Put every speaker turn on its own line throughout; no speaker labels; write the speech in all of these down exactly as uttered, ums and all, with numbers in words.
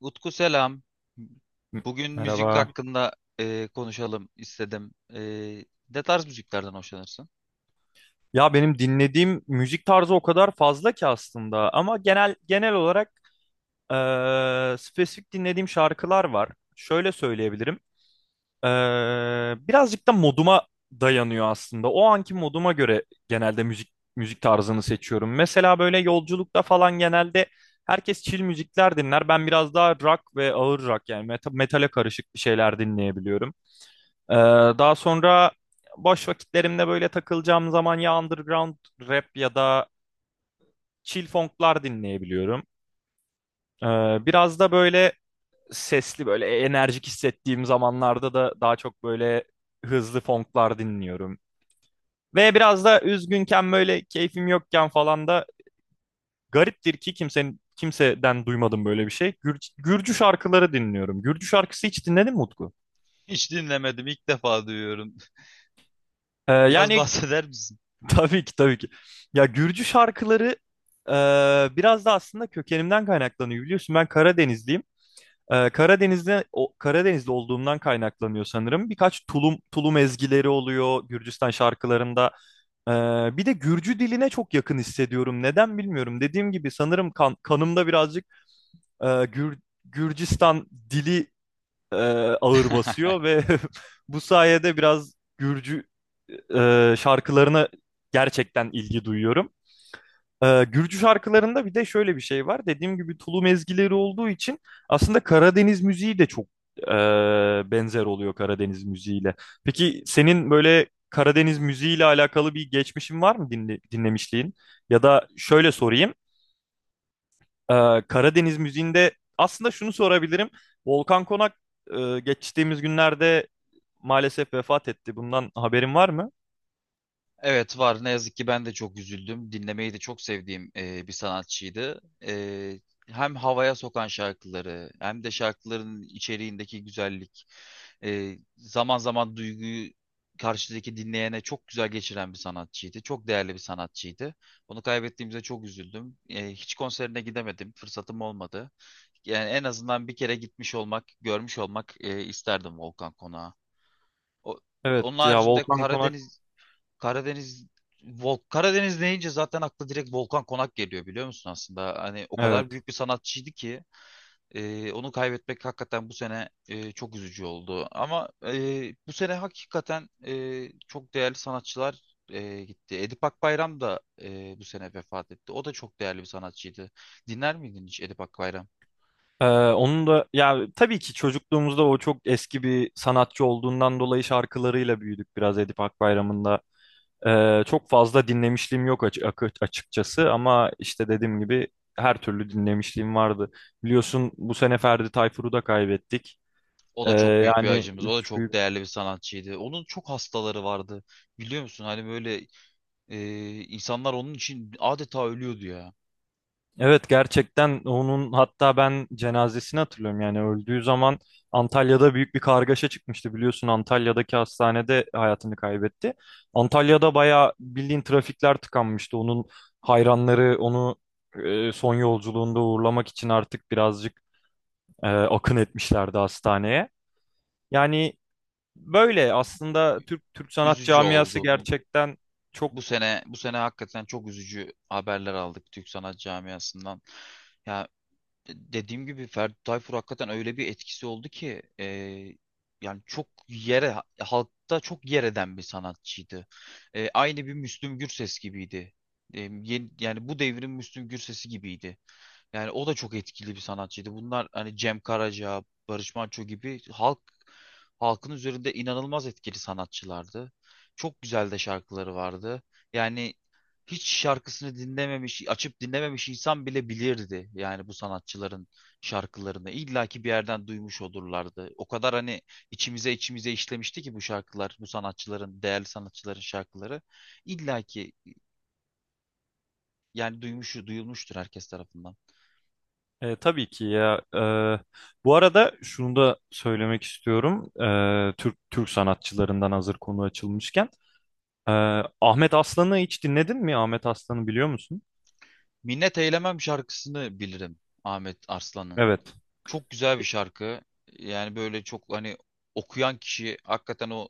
Utku selam.
M-
Bugün müzik
Merhaba.
hakkında e, konuşalım istedim. E, ne tarz müziklerden hoşlanırsın?
Ya benim dinlediğim müzik tarzı o kadar fazla ki aslında ama genel genel olarak eee, spesifik dinlediğim şarkılar var. Şöyle söyleyebilirim. Eee, birazcık da moduma dayanıyor aslında. O anki moduma göre genelde müzik müzik tarzını seçiyorum. Mesela böyle yolculukta falan genelde herkes chill müzikler dinler. Ben biraz daha rock ve ağır rock yani meta- metale karışık bir şeyler dinleyebiliyorum. Ee, Daha sonra boş vakitlerimde böyle takılacağım zaman ya underground rap ya da chill funklar dinleyebiliyorum. Ee, Biraz da böyle sesli böyle enerjik hissettiğim zamanlarda da daha çok böyle hızlı funklar dinliyorum. Ve biraz da üzgünken böyle keyfim yokken falan da gariptir ki kimsenin kimseden duymadım böyle bir şey. Gür- Gürcü şarkıları dinliyorum. Gürcü şarkısı hiç dinledin mi Utku?
Hiç dinlemedim, ilk defa duyuyorum.
Ee,
Biraz
yani
bahseder misin?
tabii ki tabii ki. Ya Gürcü şarkıları e, biraz da aslında kökenimden kaynaklanıyor biliyorsun. Ben Karadenizliyim. E, Karadeniz'de o, Karadeniz'de olduğumdan kaynaklanıyor sanırım. Birkaç tulum tulum ezgileri oluyor Gürcistan şarkılarında. E, bir de Gürcü diline çok yakın hissediyorum. Neden bilmiyorum. Dediğim gibi sanırım kan- kanımda birazcık e, Gür- Gürcistan dili e, ağır basıyor ve bu sayede biraz Gürcü e, şarkılarına gerçekten ilgi duyuyorum. Ee, Gürcü şarkılarında bir de şöyle bir şey var. Dediğim gibi tulum ezgileri olduğu için aslında Karadeniz müziği de çok e, benzer oluyor Karadeniz müziğiyle. Peki senin böyle Karadeniz müziğiyle alakalı bir geçmişin var mı dinle, dinlemişliğin? Ya da şöyle sorayım. Ee, Karadeniz müziğinde aslında şunu sorabilirim. Volkan Konak e, geçtiğimiz günlerde maalesef vefat etti. Bundan haberin var mı?
Evet var. Ne yazık ki ben de çok üzüldüm. Dinlemeyi de çok sevdiğim e, bir sanatçıydı. E, hem havaya sokan şarkıları hem de şarkıların içeriğindeki güzellik, e, zaman zaman duyguyu karşıdaki dinleyene çok güzel geçiren bir sanatçıydı. Çok değerli bir sanatçıydı. Onu kaybettiğimize çok üzüldüm. E, hiç konserine gidemedim. Fırsatım olmadı. Yani en azından bir kere gitmiş olmak, görmüş olmak e, isterdim Volkan Konak'a. O-
Evet
Onun
ya
haricinde
Volkan Konak.
Karadeniz Karadeniz Vol Karadeniz deyince zaten akla direkt Volkan Konak geliyor biliyor musun aslında? Hani o kadar
Evet.
büyük bir sanatçıydı ki e, onu kaybetmek hakikaten bu sene e, çok üzücü oldu. Ama e, bu sene hakikaten e, çok değerli sanatçılar e, gitti. Edip Akbayram da e, bu sene vefat etti. O da çok değerli bir sanatçıydı. Dinler miydin hiç Edip Akbayram?
Ee, Onun da ya tabii ki çocukluğumuzda o çok eski bir sanatçı olduğundan dolayı şarkılarıyla büyüdük biraz Edip Akbayram'ın da. Ee, çok fazla dinlemişliğim yok açı- akı- açıkçası ama işte dediğim gibi her türlü dinlemişliğim vardı. Biliyorsun bu sene Ferdi Tayfur'u da kaybettik.
O
Ee,
da çok büyük bir
yani
acımız. O
üç,
da çok değerli bir sanatçıydı. Onun çok hastaları vardı. Biliyor musun? Hani böyle Ee, insanlar onun için adeta ölüyordu ya.
Evet gerçekten onun hatta ben cenazesini hatırlıyorum yani öldüğü zaman Antalya'da büyük bir kargaşa çıkmıştı biliyorsun Antalya'daki hastanede hayatını kaybetti. Antalya'da bayağı bildiğin trafikler tıkanmıştı onun hayranları onu e, son yolculuğunda uğurlamak için artık birazcık e, akın etmişlerdi hastaneye. Yani böyle aslında Türk Türk sanat
Üzücü
camiası
oldu.
gerçekten çok.
Bu sene bu sene hakikaten çok üzücü haberler aldık Türk sanat camiasından. Ya e, dediğim gibi Ferdi Tayfur hakikaten öyle bir etkisi oldu ki e, yani çok yere halkta çok yer eden bir sanatçıydı. E, aynı bir Müslüm Gürses gibiydi. E, yeni- yani bu devrin Müslüm Gürses'i gibiydi. Yani o da çok etkili bir sanatçıydı. Bunlar hani Cem Karaca, Barış Manço gibi halk halkın üzerinde inanılmaz etkili sanatçılardı. Çok güzel de şarkıları vardı. Yani hiç şarkısını dinlememiş, açıp dinlememiş insan bile bilirdi yani bu sanatçıların şarkılarını. İlla ki bir yerden duymuş olurlardı. O kadar hani içimize içimize işlemişti ki bu şarkılar, bu sanatçıların, değerli sanatçıların şarkıları. İlla ki yani duymuş, duyulmuştur herkes tarafından.
E, tabii ki ya. E, bu arada şunu da söylemek istiyorum. E, Türk Türk sanatçılarından hazır konu açılmışken. E, Ahmet Aslan'ı hiç dinledin mi? Ahmet Aslan'ı biliyor musun?
Minnet Eylemem şarkısını bilirim Ahmet Arslan'ın.
Evet.
Çok güzel bir şarkı. Yani böyle çok hani okuyan kişi hakikaten o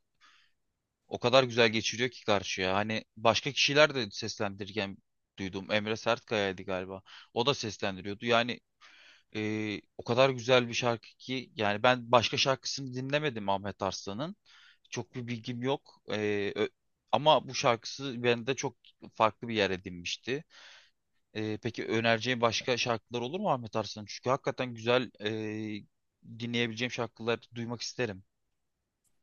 o kadar güzel geçiriyor ki karşıya. Hani başka kişiler de seslendirirken duydum. Emre Sertkaya'ydı galiba. O da seslendiriyordu. Yani e, o kadar güzel bir şarkı ki yani ben başka şarkısını dinlemedim Ahmet Arslan'ın. Çok bir bilgim yok. E, ö- ama bu şarkısı bende çok farklı bir yer edinmişti. Ee, peki önereceğin başka şarkılar olur mu Ahmet Arslan? Çünkü hakikaten güzel e, dinleyebileceğim şarkılar duymak isterim.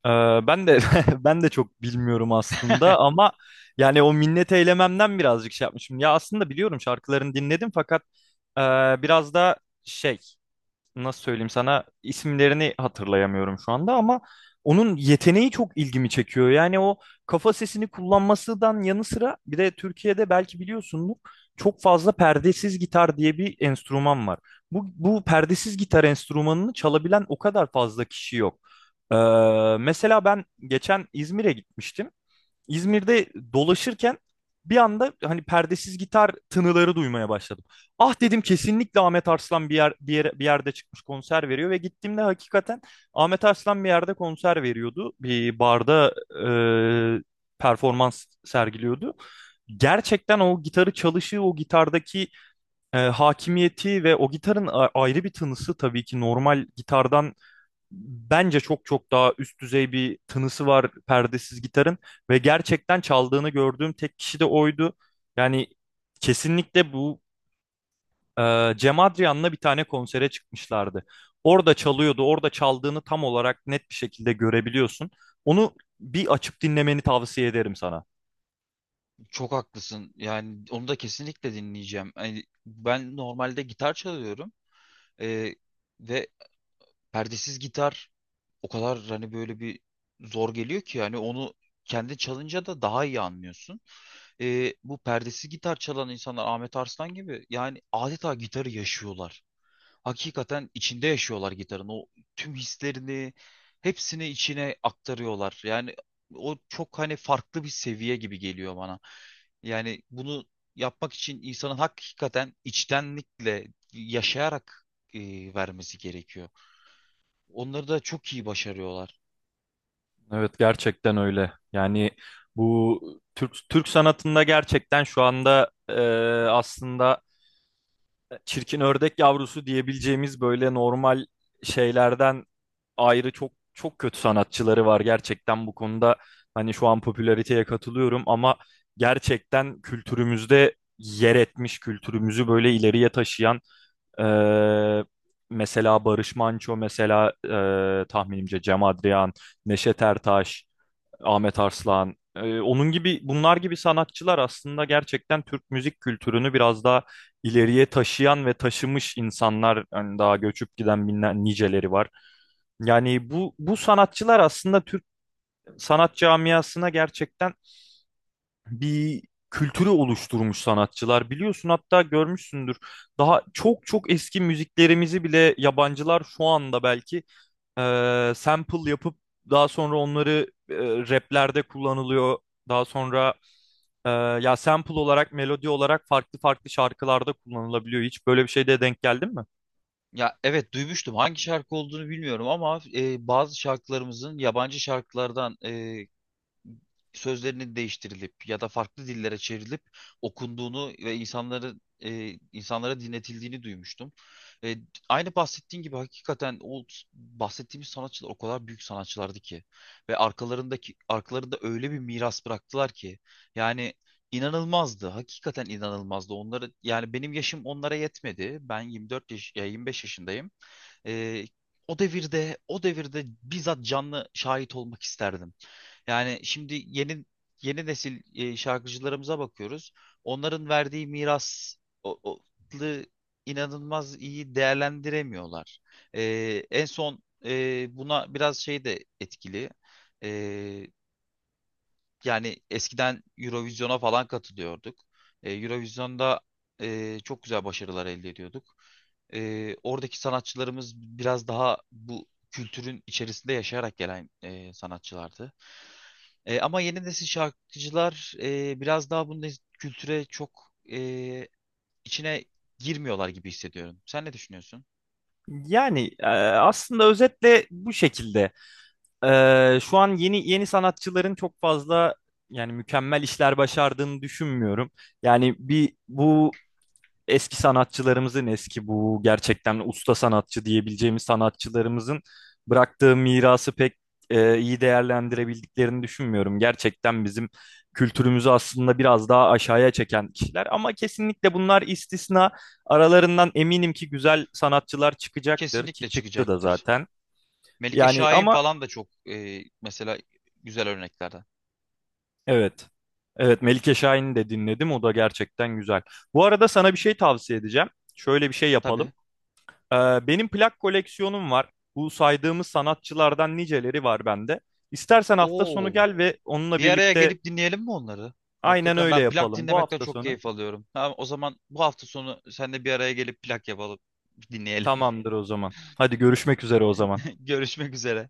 Ee, ben de ben de çok bilmiyorum aslında ama yani o minnet eylememden birazcık şey yapmışım. Ya aslında biliyorum şarkılarını dinledim fakat e, biraz da şey nasıl söyleyeyim sana isimlerini hatırlayamıyorum şu anda ama onun yeteneği çok ilgimi çekiyor. Yani o kafa sesini kullanmasından yanı sıra bir de Türkiye'de belki biliyorsunuz çok fazla perdesiz gitar diye bir enstrüman var. Bu, bu perdesiz gitar enstrümanını çalabilen o kadar fazla kişi yok. Ee, Mesela ben geçen İzmir'e gitmiştim. İzmir'de dolaşırken bir anda hani perdesiz gitar tınıları duymaya başladım. Ah dedim kesinlikle Ahmet Arslan bir yer bir yere, bir yerde çıkmış konser veriyor ve gittiğimde hakikaten Ahmet Arslan bir yerde konser veriyordu. Bir barda e, performans sergiliyordu. Gerçekten o gitarı çalışı, o gitardaki e, hakimiyeti ve o gitarın a- ayrı bir tınısı tabii ki normal gitardan bence çok çok daha üst düzey bir tınısı var perdesiz gitarın ve gerçekten çaldığını gördüğüm tek kişi de oydu. Yani kesinlikle bu e, Cem Adrian'la bir tane konsere çıkmışlardı. Orada çalıyordu, orada çaldığını tam olarak net bir şekilde görebiliyorsun. Onu bir açıp dinlemeni tavsiye ederim sana.
Çok haklısın. Yani onu da kesinlikle dinleyeceğim. Yani ben normalde gitar çalıyorum. Ee, ve perdesiz gitar o kadar hani böyle bir zor geliyor ki yani onu kendi çalınca da daha iyi anlıyorsun. Ee, bu perdesiz gitar çalan insanlar Ahmet Arslan gibi yani adeta gitarı yaşıyorlar. Hakikaten içinde yaşıyorlar gitarın. O tüm hislerini hepsini içine aktarıyorlar. Yani o çok hani farklı bir seviye gibi geliyor bana. Yani bunu yapmak için insanın hakikaten içtenlikle yaşayarak e, vermesi gerekiyor. Onları da çok iyi başarıyorlar.
Evet gerçekten öyle. Yani bu Türk Türk sanatında gerçekten şu anda e, aslında çirkin ördek yavrusu diyebileceğimiz böyle normal şeylerden ayrı çok çok kötü sanatçıları var gerçekten bu konuda. Hani şu an popülariteye katılıyorum ama gerçekten kültürümüzde yer etmiş, kültürümüzü böyle ileriye taşıyan eee, mesela Barış Manço, mesela eee, tahminimce Cem Adrian, Neşet Ertaş, Ahmet Arslan. Ee, onun gibi bunlar gibi sanatçılar aslında gerçekten Türk müzik kültürünü biraz daha ileriye taşıyan ve taşımış insanlar hani daha göçüp giden binler niceleri var. Yani bu bu sanatçılar aslında Türk sanat camiasına gerçekten bir kültürü oluşturmuş sanatçılar. Biliyorsun hatta görmüşsündür. Daha çok çok eski müziklerimizi bile yabancılar şu anda belki e, sample yapıp daha sonra onları e, raplerde kullanılıyor. Daha sonra e, ya sample olarak melodi olarak farklı farklı şarkılarda kullanılabiliyor. Hiç böyle bir şeyde denk geldin mi?
Ya evet duymuştum hangi şarkı olduğunu bilmiyorum ama e, bazı şarkılarımızın yabancı şarkılardan e, sözlerinin değiştirilip ya da farklı dillere çevrilip okunduğunu ve insanları e, insanlara dinletildiğini duymuştum. E, aynı bahsettiğin gibi hakikaten o bahsettiğimiz sanatçılar o kadar büyük sanatçılardı ki ve arkalarındaki arkalarında öyle bir miras bıraktılar ki yani inanılmazdı. Hakikaten inanılmazdı. Onları yani benim yaşım onlara yetmedi. Ben yirmi dört yaş ya yirmi beş yaşındayım. Ee, o devirde, o devirde bizzat canlı şahit olmak isterdim. Yani şimdi yeni yeni nesil e, şarkıcılarımıza bakıyoruz. Onların verdiği miras o, o- lı inanılmaz iyi değerlendiremiyorlar. Ee, en son e, buna biraz şey de etkili. E, yani eskiden Eurovision'a falan katılıyorduk. E, Eurovision'da e, çok güzel başarılar elde ediyorduk. E, oradaki sanatçılarımız biraz daha bu kültürün içerisinde yaşayarak gelen e, sanatçılardı. E, ama yeni nesil şarkıcılar e, biraz daha bu nes- kültüre çok e, içine girmiyorlar gibi hissediyorum. Sen ne düşünüyorsun?
Yani e, aslında özetle bu şekilde. E, şu an yeni yeni sanatçıların çok fazla yani mükemmel işler başardığını düşünmüyorum. Yani bir bu eski sanatçılarımızın eski bu gerçekten usta sanatçı diyebileceğimiz sanatçılarımızın bıraktığı mirası pek e, iyi değerlendirebildiklerini düşünmüyorum. Gerçekten bizim kültürümüzü aslında biraz daha aşağıya çeken kişiler ama kesinlikle bunlar istisna. Aralarından eminim ki güzel sanatçılar çıkacaktır ki
Kesinlikle
çıktı da
çıkacaktır.
zaten.
Melike
Yani
Şahin
ama
falan da çok e, mesela güzel örneklerden.
evet. Evet Melike Şahin'i de dinledim. O da gerçekten güzel. Bu arada sana bir şey tavsiye edeceğim. Şöyle bir şey yapalım.
Tabii.
Ee, benim plak koleksiyonum var. Bu saydığımız sanatçılardan niceleri var bende. İstersen hafta sonu
Oo,
gel ve onunla
bir araya
birlikte
gelip dinleyelim mi onları?
aynen
Hakikaten
öyle
ben plak
yapalım. Bu
dinlemekten
hafta
çok
sonu
keyif alıyorum. Tamam, o zaman bu hafta sonu sen de bir araya gelip plak yapalım, dinleyelim.
tamamdır o zaman. Hadi görüşmek üzere o zaman.
Görüşmek üzere.